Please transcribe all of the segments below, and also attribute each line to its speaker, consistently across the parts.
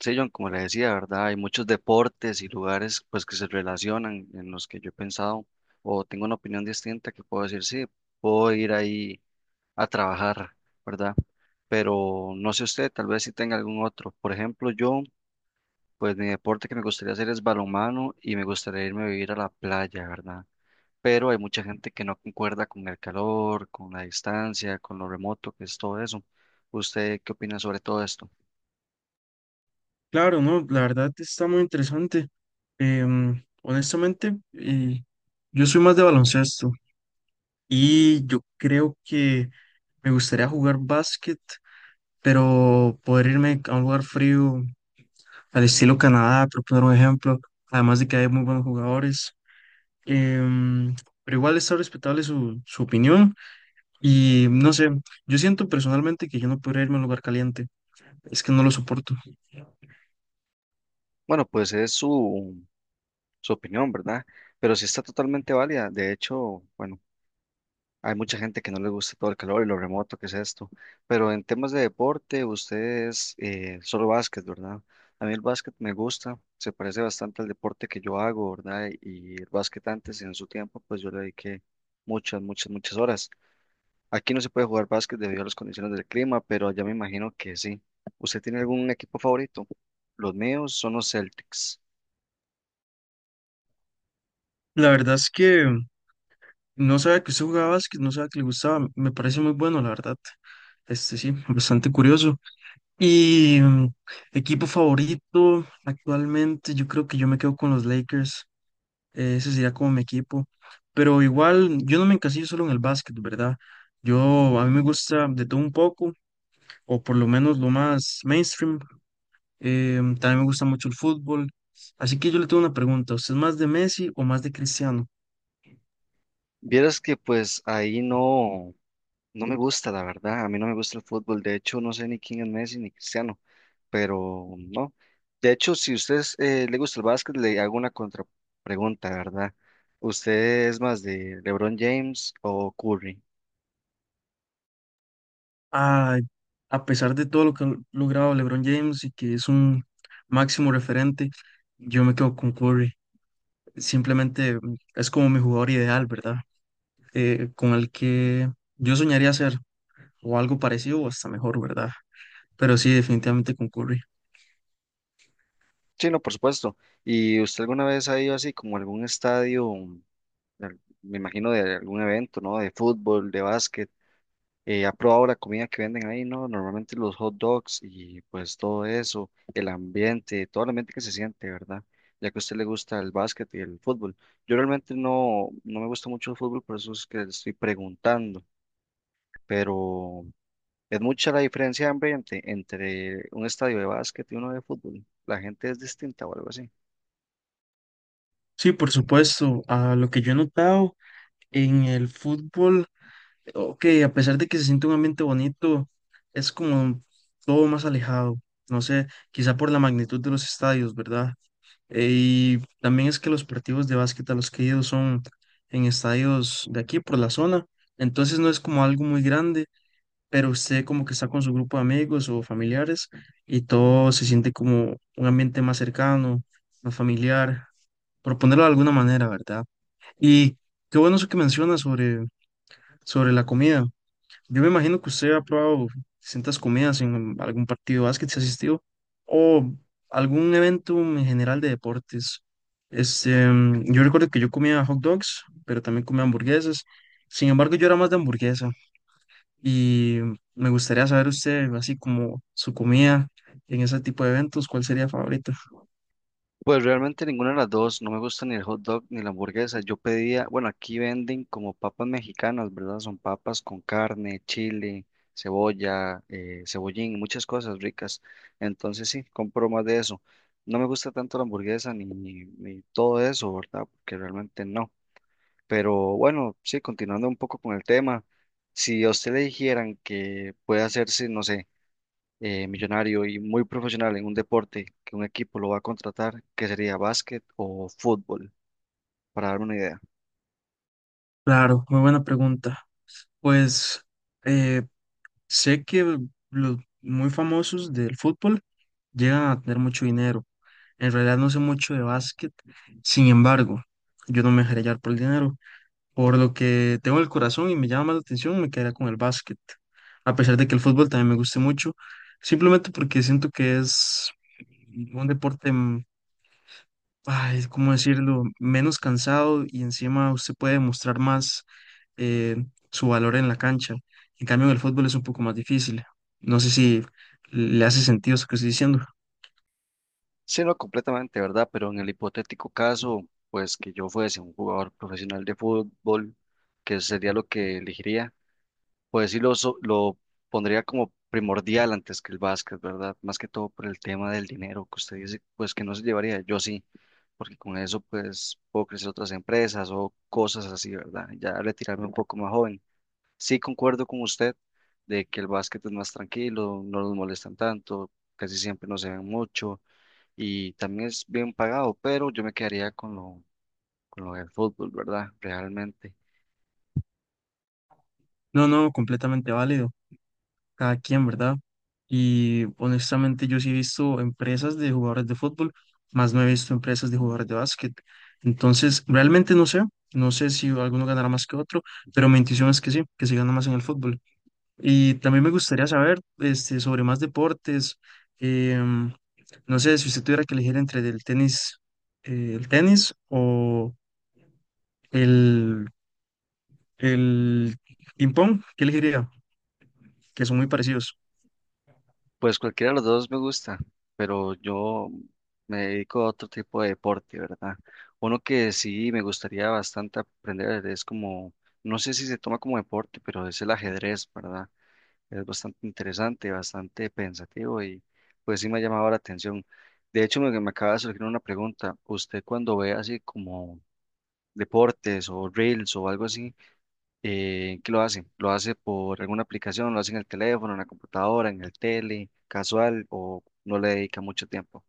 Speaker 1: Sí, John, como le decía, ¿verdad? Hay muchos deportes y lugares pues que se relacionan en los que yo he pensado o tengo una opinión distinta que puedo decir, sí, puedo ir ahí a trabajar, ¿verdad? Pero no sé usted, tal vez si tenga algún otro. Por ejemplo, yo, pues mi deporte que me gustaría hacer es balonmano y me gustaría irme a vivir a la playa, ¿verdad? Pero hay mucha gente que no concuerda con el calor, con la distancia, con lo remoto que es todo eso. ¿Usted qué opina sobre todo esto?
Speaker 2: Claro, no, la verdad está muy interesante. Honestamente, yo soy más de baloncesto y yo creo que me gustaría jugar básquet, pero poder irme a un lugar frío, al estilo Canadá, por poner un ejemplo, además de que hay muy buenos jugadores. Em, pero igual está respetable su opinión y no sé, yo siento personalmente que yo no podría irme a un lugar caliente, es que no lo soporto.
Speaker 1: Bueno, pues es su opinión, ¿verdad? Pero sí está totalmente válida. De hecho, bueno, hay mucha gente que no les gusta todo el calor y lo remoto que es esto. Pero en temas de deporte, ustedes solo básquet, ¿verdad? A mí el básquet me gusta, se parece bastante al deporte que yo hago, ¿verdad? Y el básquet antes, en su tiempo, pues yo le dediqué muchas, muchas, muchas horas. Aquí no se puede jugar básquet debido a las condiciones del clima, pero allá me imagino que sí. ¿Usted tiene algún equipo favorito? Los míos son los Celtics.
Speaker 2: La verdad es que No sabía que usted jugaba básquet, no sabía que le gustaba. Me parece muy bueno, la verdad. Este sí, bastante curioso. Y mm, Equipo favorito actualmente, yo creo que yo me quedo con los Lakers. Ese sería como mi equipo. Pero igual, yo no me encasillo solo en el básquet, ¿verdad? A mí me gusta de todo un poco, o por lo menos lo más mainstream. También me gusta mucho el fútbol. Así que yo le tengo una pregunta. ¿Usted es más de Messi o más de Cristiano?
Speaker 1: Vieras que pues ahí no. No me gusta, la verdad. A mí no me gusta el fútbol. De hecho, no sé ni quién es Messi ni Cristiano, pero no. De hecho, si a usted le gusta el básquet, le hago una contrapregunta, ¿verdad? ¿Usted es más de LeBron James o Curry?
Speaker 2: a, a pesar de todo lo que ha logrado LeBron James y que es un máximo referente, yo me quedo con Curry. Simplemente es como mi jugador ideal, ¿verdad? Con el que yo soñaría ser o algo parecido o hasta mejor, ¿verdad? Pero sí, definitivamente con Curry.
Speaker 1: Sí, no, por supuesto. ¿Y usted alguna vez ha ido así como a algún estadio, me imagino de algún evento, ¿no? ¿De fútbol, de básquet? ¿Ha probado la comida que venden ahí? No, normalmente los hot dogs y pues todo eso, el ambiente, todo el ambiente que se siente, ¿verdad? Ya que a usted le gusta el básquet y el fútbol. Yo realmente no, no me gusta mucho el fútbol, por eso es que le estoy preguntando, pero es mucha la diferencia de ambiente entre un estadio de básquet y uno de fútbol. La gente es distinta o algo así.
Speaker 2: Sí, por supuesto. A lo que yo he notado en el fútbol, ok, a pesar de que se siente un ambiente bonito, es como todo más alejado. No sé, quizá por la magnitud de los estadios, ¿verdad? Y también es que los partidos de básquet a los que he ido son en estadios de aquí por la zona, entonces no es como algo muy grande, pero usted como que está con su grupo de amigos o familiares y todo se siente como un ambiente más cercano, más familiar, por ponerlo de alguna manera, ¿verdad? Y qué bueno eso que menciona sobre la comida. Yo me imagino que usted ha probado distintas comidas en algún partido de básquet si ha asistido o algún evento en general de deportes. Yo recuerdo que yo comía hot dogs, pero también comía hamburguesas. Sin embargo, yo era más de hamburguesa y me gustaría saber usted, así como su comida en ese tipo de eventos, ¿cuál sería favorita?
Speaker 1: Pues realmente ninguna de las dos, no me gusta ni el hot dog ni la hamburguesa. Yo pedía, bueno, aquí venden como papas mexicanas, ¿verdad? Son papas con carne, chile, cebolla, cebollín, muchas cosas ricas. Entonces sí, compro más de eso. No me gusta tanto la hamburguesa ni todo eso, ¿verdad? Porque realmente no. Pero bueno, sí, continuando un poco con el tema, si a usted le dijeran que puede hacerse, no sé millonario y muy profesional en un deporte que un equipo lo va a contratar, que sería básquet o fútbol, para darme una idea.
Speaker 2: Claro, muy buena pregunta. Pues Sé que los muy famosos del fútbol llegan a tener mucho dinero. En realidad no sé mucho de básquet, sin embargo, yo no me dejaré llevar por el dinero. Por lo que tengo el corazón y me llama más la atención, me quedaría con el básquet. A pesar de que el fútbol también me guste mucho, simplemente porque siento que es un deporte, ay, ¿cómo decirlo?, menos cansado y encima usted puede demostrar más eh, su valor en la cancha. En cambio, en el fútbol es un poco más difícil. No sé si le hace sentido eso que estoy diciendo.
Speaker 1: Sí, no completamente, ¿verdad? Pero en el hipotético caso, pues que yo fuese un jugador profesional de fútbol, que sería lo que elegiría, pues sí lo pondría como primordial antes que el básquet, ¿verdad? Más que todo por el tema del dinero que usted dice, pues que no se llevaría, yo sí, porque con eso pues puedo crecer otras empresas o cosas así, ¿verdad? Ya retirarme un poco más joven. Sí, concuerdo con usted de que el básquet es más tranquilo, no los molestan tanto, casi siempre no se ven mucho y también es bien pagado, pero yo me quedaría con lo del fútbol, ¿verdad? Realmente.
Speaker 2: No, no, completamente válido. Cada quien, ¿verdad? Y honestamente yo sí he visto empresas de jugadores de fútbol, más no he visto empresas de jugadores de básquet. Entonces, realmente no sé si alguno ganará más que otro, pero mi intuición es que sí, que se gana más en el fútbol. Y también me gustaría saber este, sobre más deportes. em, No sé si usted tuviera que elegir entre el tenis, eh, el tenis o el, el ping-pong, ¿qué elegiría? Que son muy parecidos.
Speaker 1: Pues cualquiera de los dos me gusta, pero yo me dedico a otro tipo de deporte, ¿verdad? Uno que sí me gustaría bastante aprender es como, no sé si se toma como deporte, pero es el ajedrez, ¿verdad? Es bastante interesante, bastante pensativo y pues sí me ha llamado la atención. De hecho, me acaba de surgir una pregunta. ¿Usted cuando ve así como deportes o reels o algo así, qué lo hace? ¿Lo hace por alguna aplicación? ¿Lo hace en el teléfono, en la computadora, en el tele, casual o no le dedica mucho tiempo?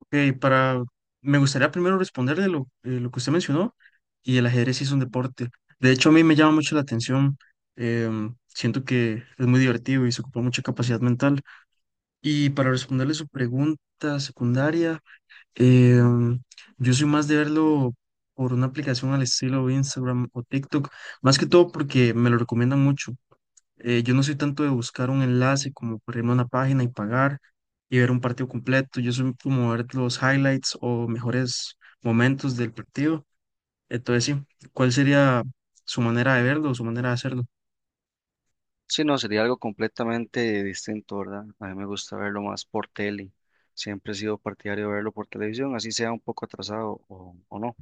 Speaker 2: Ok, para, Me gustaría primero responderle lo que usted mencionó, y el ajedrez sí es un deporte. De hecho, a mí me llama mucho la atención. Siento que es muy divertido y se ocupa mucha capacidad mental. Y para responderle su pregunta secundaria, Em, yo soy más de verlo por una aplicación al estilo Instagram o TikTok, más que todo porque me lo recomiendan mucho. Yo no soy tanto de buscar un enlace como por irme a una página y pagar y ver un partido completo. Yo soy como ver los highlights o mejores momentos del partido. Entonces, sí, ¿cuál sería su manera de verlo o su manera de hacerlo?
Speaker 1: Sí, no, sería algo completamente distinto, ¿verdad? A mí me gusta verlo más por tele. Siempre he sido partidario de verlo por televisión, así sea un poco atrasado o no.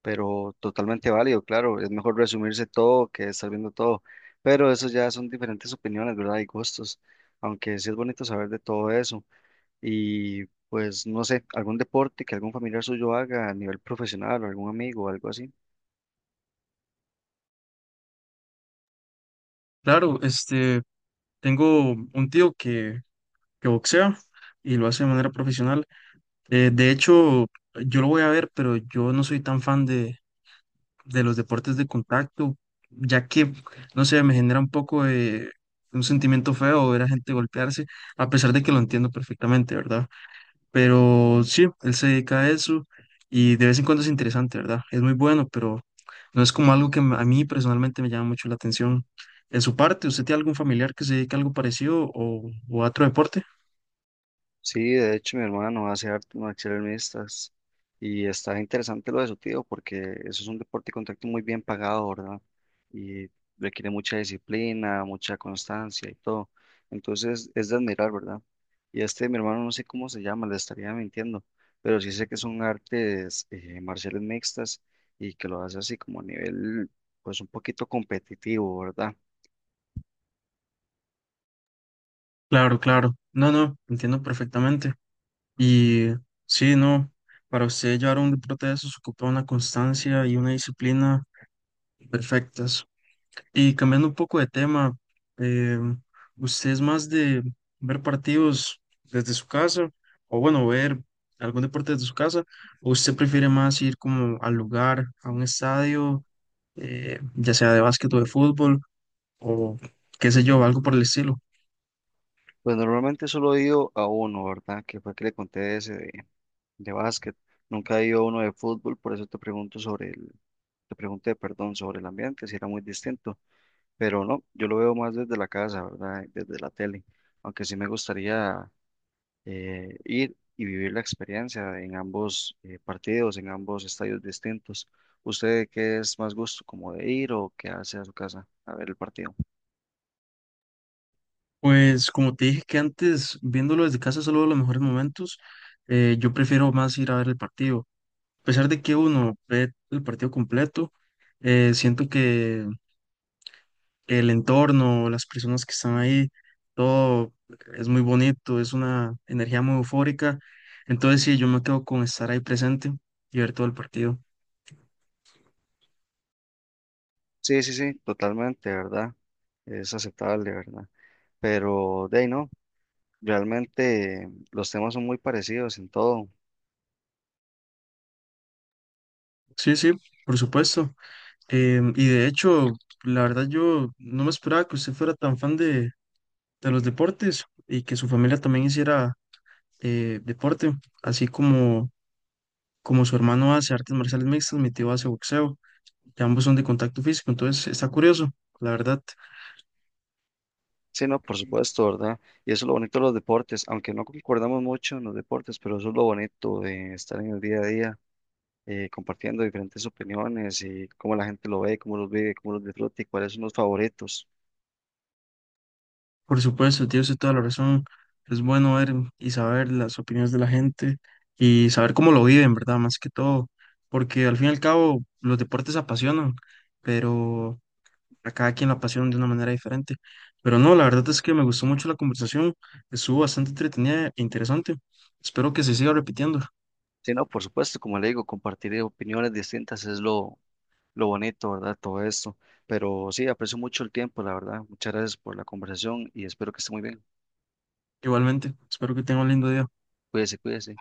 Speaker 1: Pero totalmente válido, claro, es mejor resumirse todo que estar viendo todo, pero eso ya son diferentes opiniones, ¿verdad? Y gustos, aunque sí es bonito saber de todo eso. Y pues no sé, algún deporte que algún familiar suyo haga a nivel profesional o algún amigo o algo así.
Speaker 2: Claro, este, tengo un tío que boxea y lo hace de manera profesional. De hecho, yo lo voy a ver, pero yo no soy tan fan de los deportes de contacto, ya que, no sé, me genera un poco de un sentimiento feo ver a gente golpearse, a pesar de que lo entiendo perfectamente, ¿verdad? Pero sí, él se dedica a eso y de vez en cuando es interesante, ¿verdad? Es muy bueno, pero no es como algo a mí personalmente me llama mucho la atención. En su parte, ¿usted tiene algún familiar que se dedique a algo parecido o a otro deporte?
Speaker 1: Sí, de hecho mi hermano hace artes marciales mixtas y está interesante lo de su tío porque eso es un deporte de contacto muy bien pagado, ¿verdad? Y requiere mucha disciplina, mucha constancia y todo. Entonces es de admirar, ¿verdad? Y este mi hermano no sé cómo se llama, le estaría mintiendo, pero sí sé que son artes marciales mixtas y que lo hace así como a nivel pues un poquito competitivo, ¿verdad?
Speaker 2: Claro, claro. No, no, entiendo perfectamente. Y sí, no, para usted llevar un deporte de esos ocupa una constancia y una disciplina perfectas. Y cambiando un poco de tema, eh, ¿usted es más de ver partidos desde su casa o bueno, ver algún deporte desde su casa? ¿O usted prefiere más ir como al lugar, a un estadio, ya sea de básquet o de fútbol o qué sé yo, algo por el estilo?
Speaker 1: Pues normalmente solo he ido a uno, ¿verdad? Que fue que le conté ese día de básquet. Nunca he ido a uno de fútbol, por eso te pregunté, perdón, sobre el ambiente, si era muy distinto, pero no, yo lo veo más desde la casa, ¿verdad? Desde la tele, aunque sí me gustaría ir y vivir la experiencia en ambos partidos, en ambos estadios distintos. ¿Usted qué es más gusto, como de ir o qué hace a su casa a ver el partido?
Speaker 2: Pues como te dije que antes, viéndolo desde casa, solo los mejores momentos, yo prefiero más ir a ver el partido. A pesar de que uno ve el partido completo, siento que el entorno, las personas que están ahí, todo es muy bonito, es una energía muy eufórica. Entonces sí, yo me quedo con estar ahí presente y ver todo el partido.
Speaker 1: Sí, sí, sí, totalmente, ¿verdad? Es aceptable, ¿verdad? Pero de ahí no. Realmente los temas son muy parecidos en todo.
Speaker 2: Sí, sí, por supuesto. Y de hecho, la verdad yo no me esperaba que usted fuera tan fan de los deportes y que su familia también hiciera deporte, así como, como su hermano hace artes marciales mixtas, mi tío hace boxeo, y ambos son de contacto físico, entonces está curioso, la verdad.
Speaker 1: Sí, no, por supuesto, ¿verdad? Y eso es lo bonito de los deportes, aunque no concordamos mucho en los deportes, pero eso es lo bonito de estar en el día a día, compartiendo diferentes opiniones y cómo la gente lo ve, cómo los vive, cómo los disfruta y cuáles son los favoritos.
Speaker 2: Por supuesto, tío, tiene toda la razón. Es bueno ver y saber las opiniones de la gente y saber cómo lo viven, ¿verdad? Más que todo, porque al fin y al cabo los deportes apasionan, pero a cada quien la pasión de una manera diferente. Pero no, la verdad es que me gustó mucho la conversación, estuvo bastante entretenida e interesante. Espero que se siga repitiendo.
Speaker 1: Sí, no, por supuesto, como le digo, compartir opiniones distintas es lo bonito, ¿verdad? Todo esto. Pero sí, aprecio mucho el tiempo, la verdad. Muchas gracias por la conversación y espero que esté muy bien.
Speaker 2: Igualmente, espero que tenga un lindo día.
Speaker 1: Cuídese, cuídese.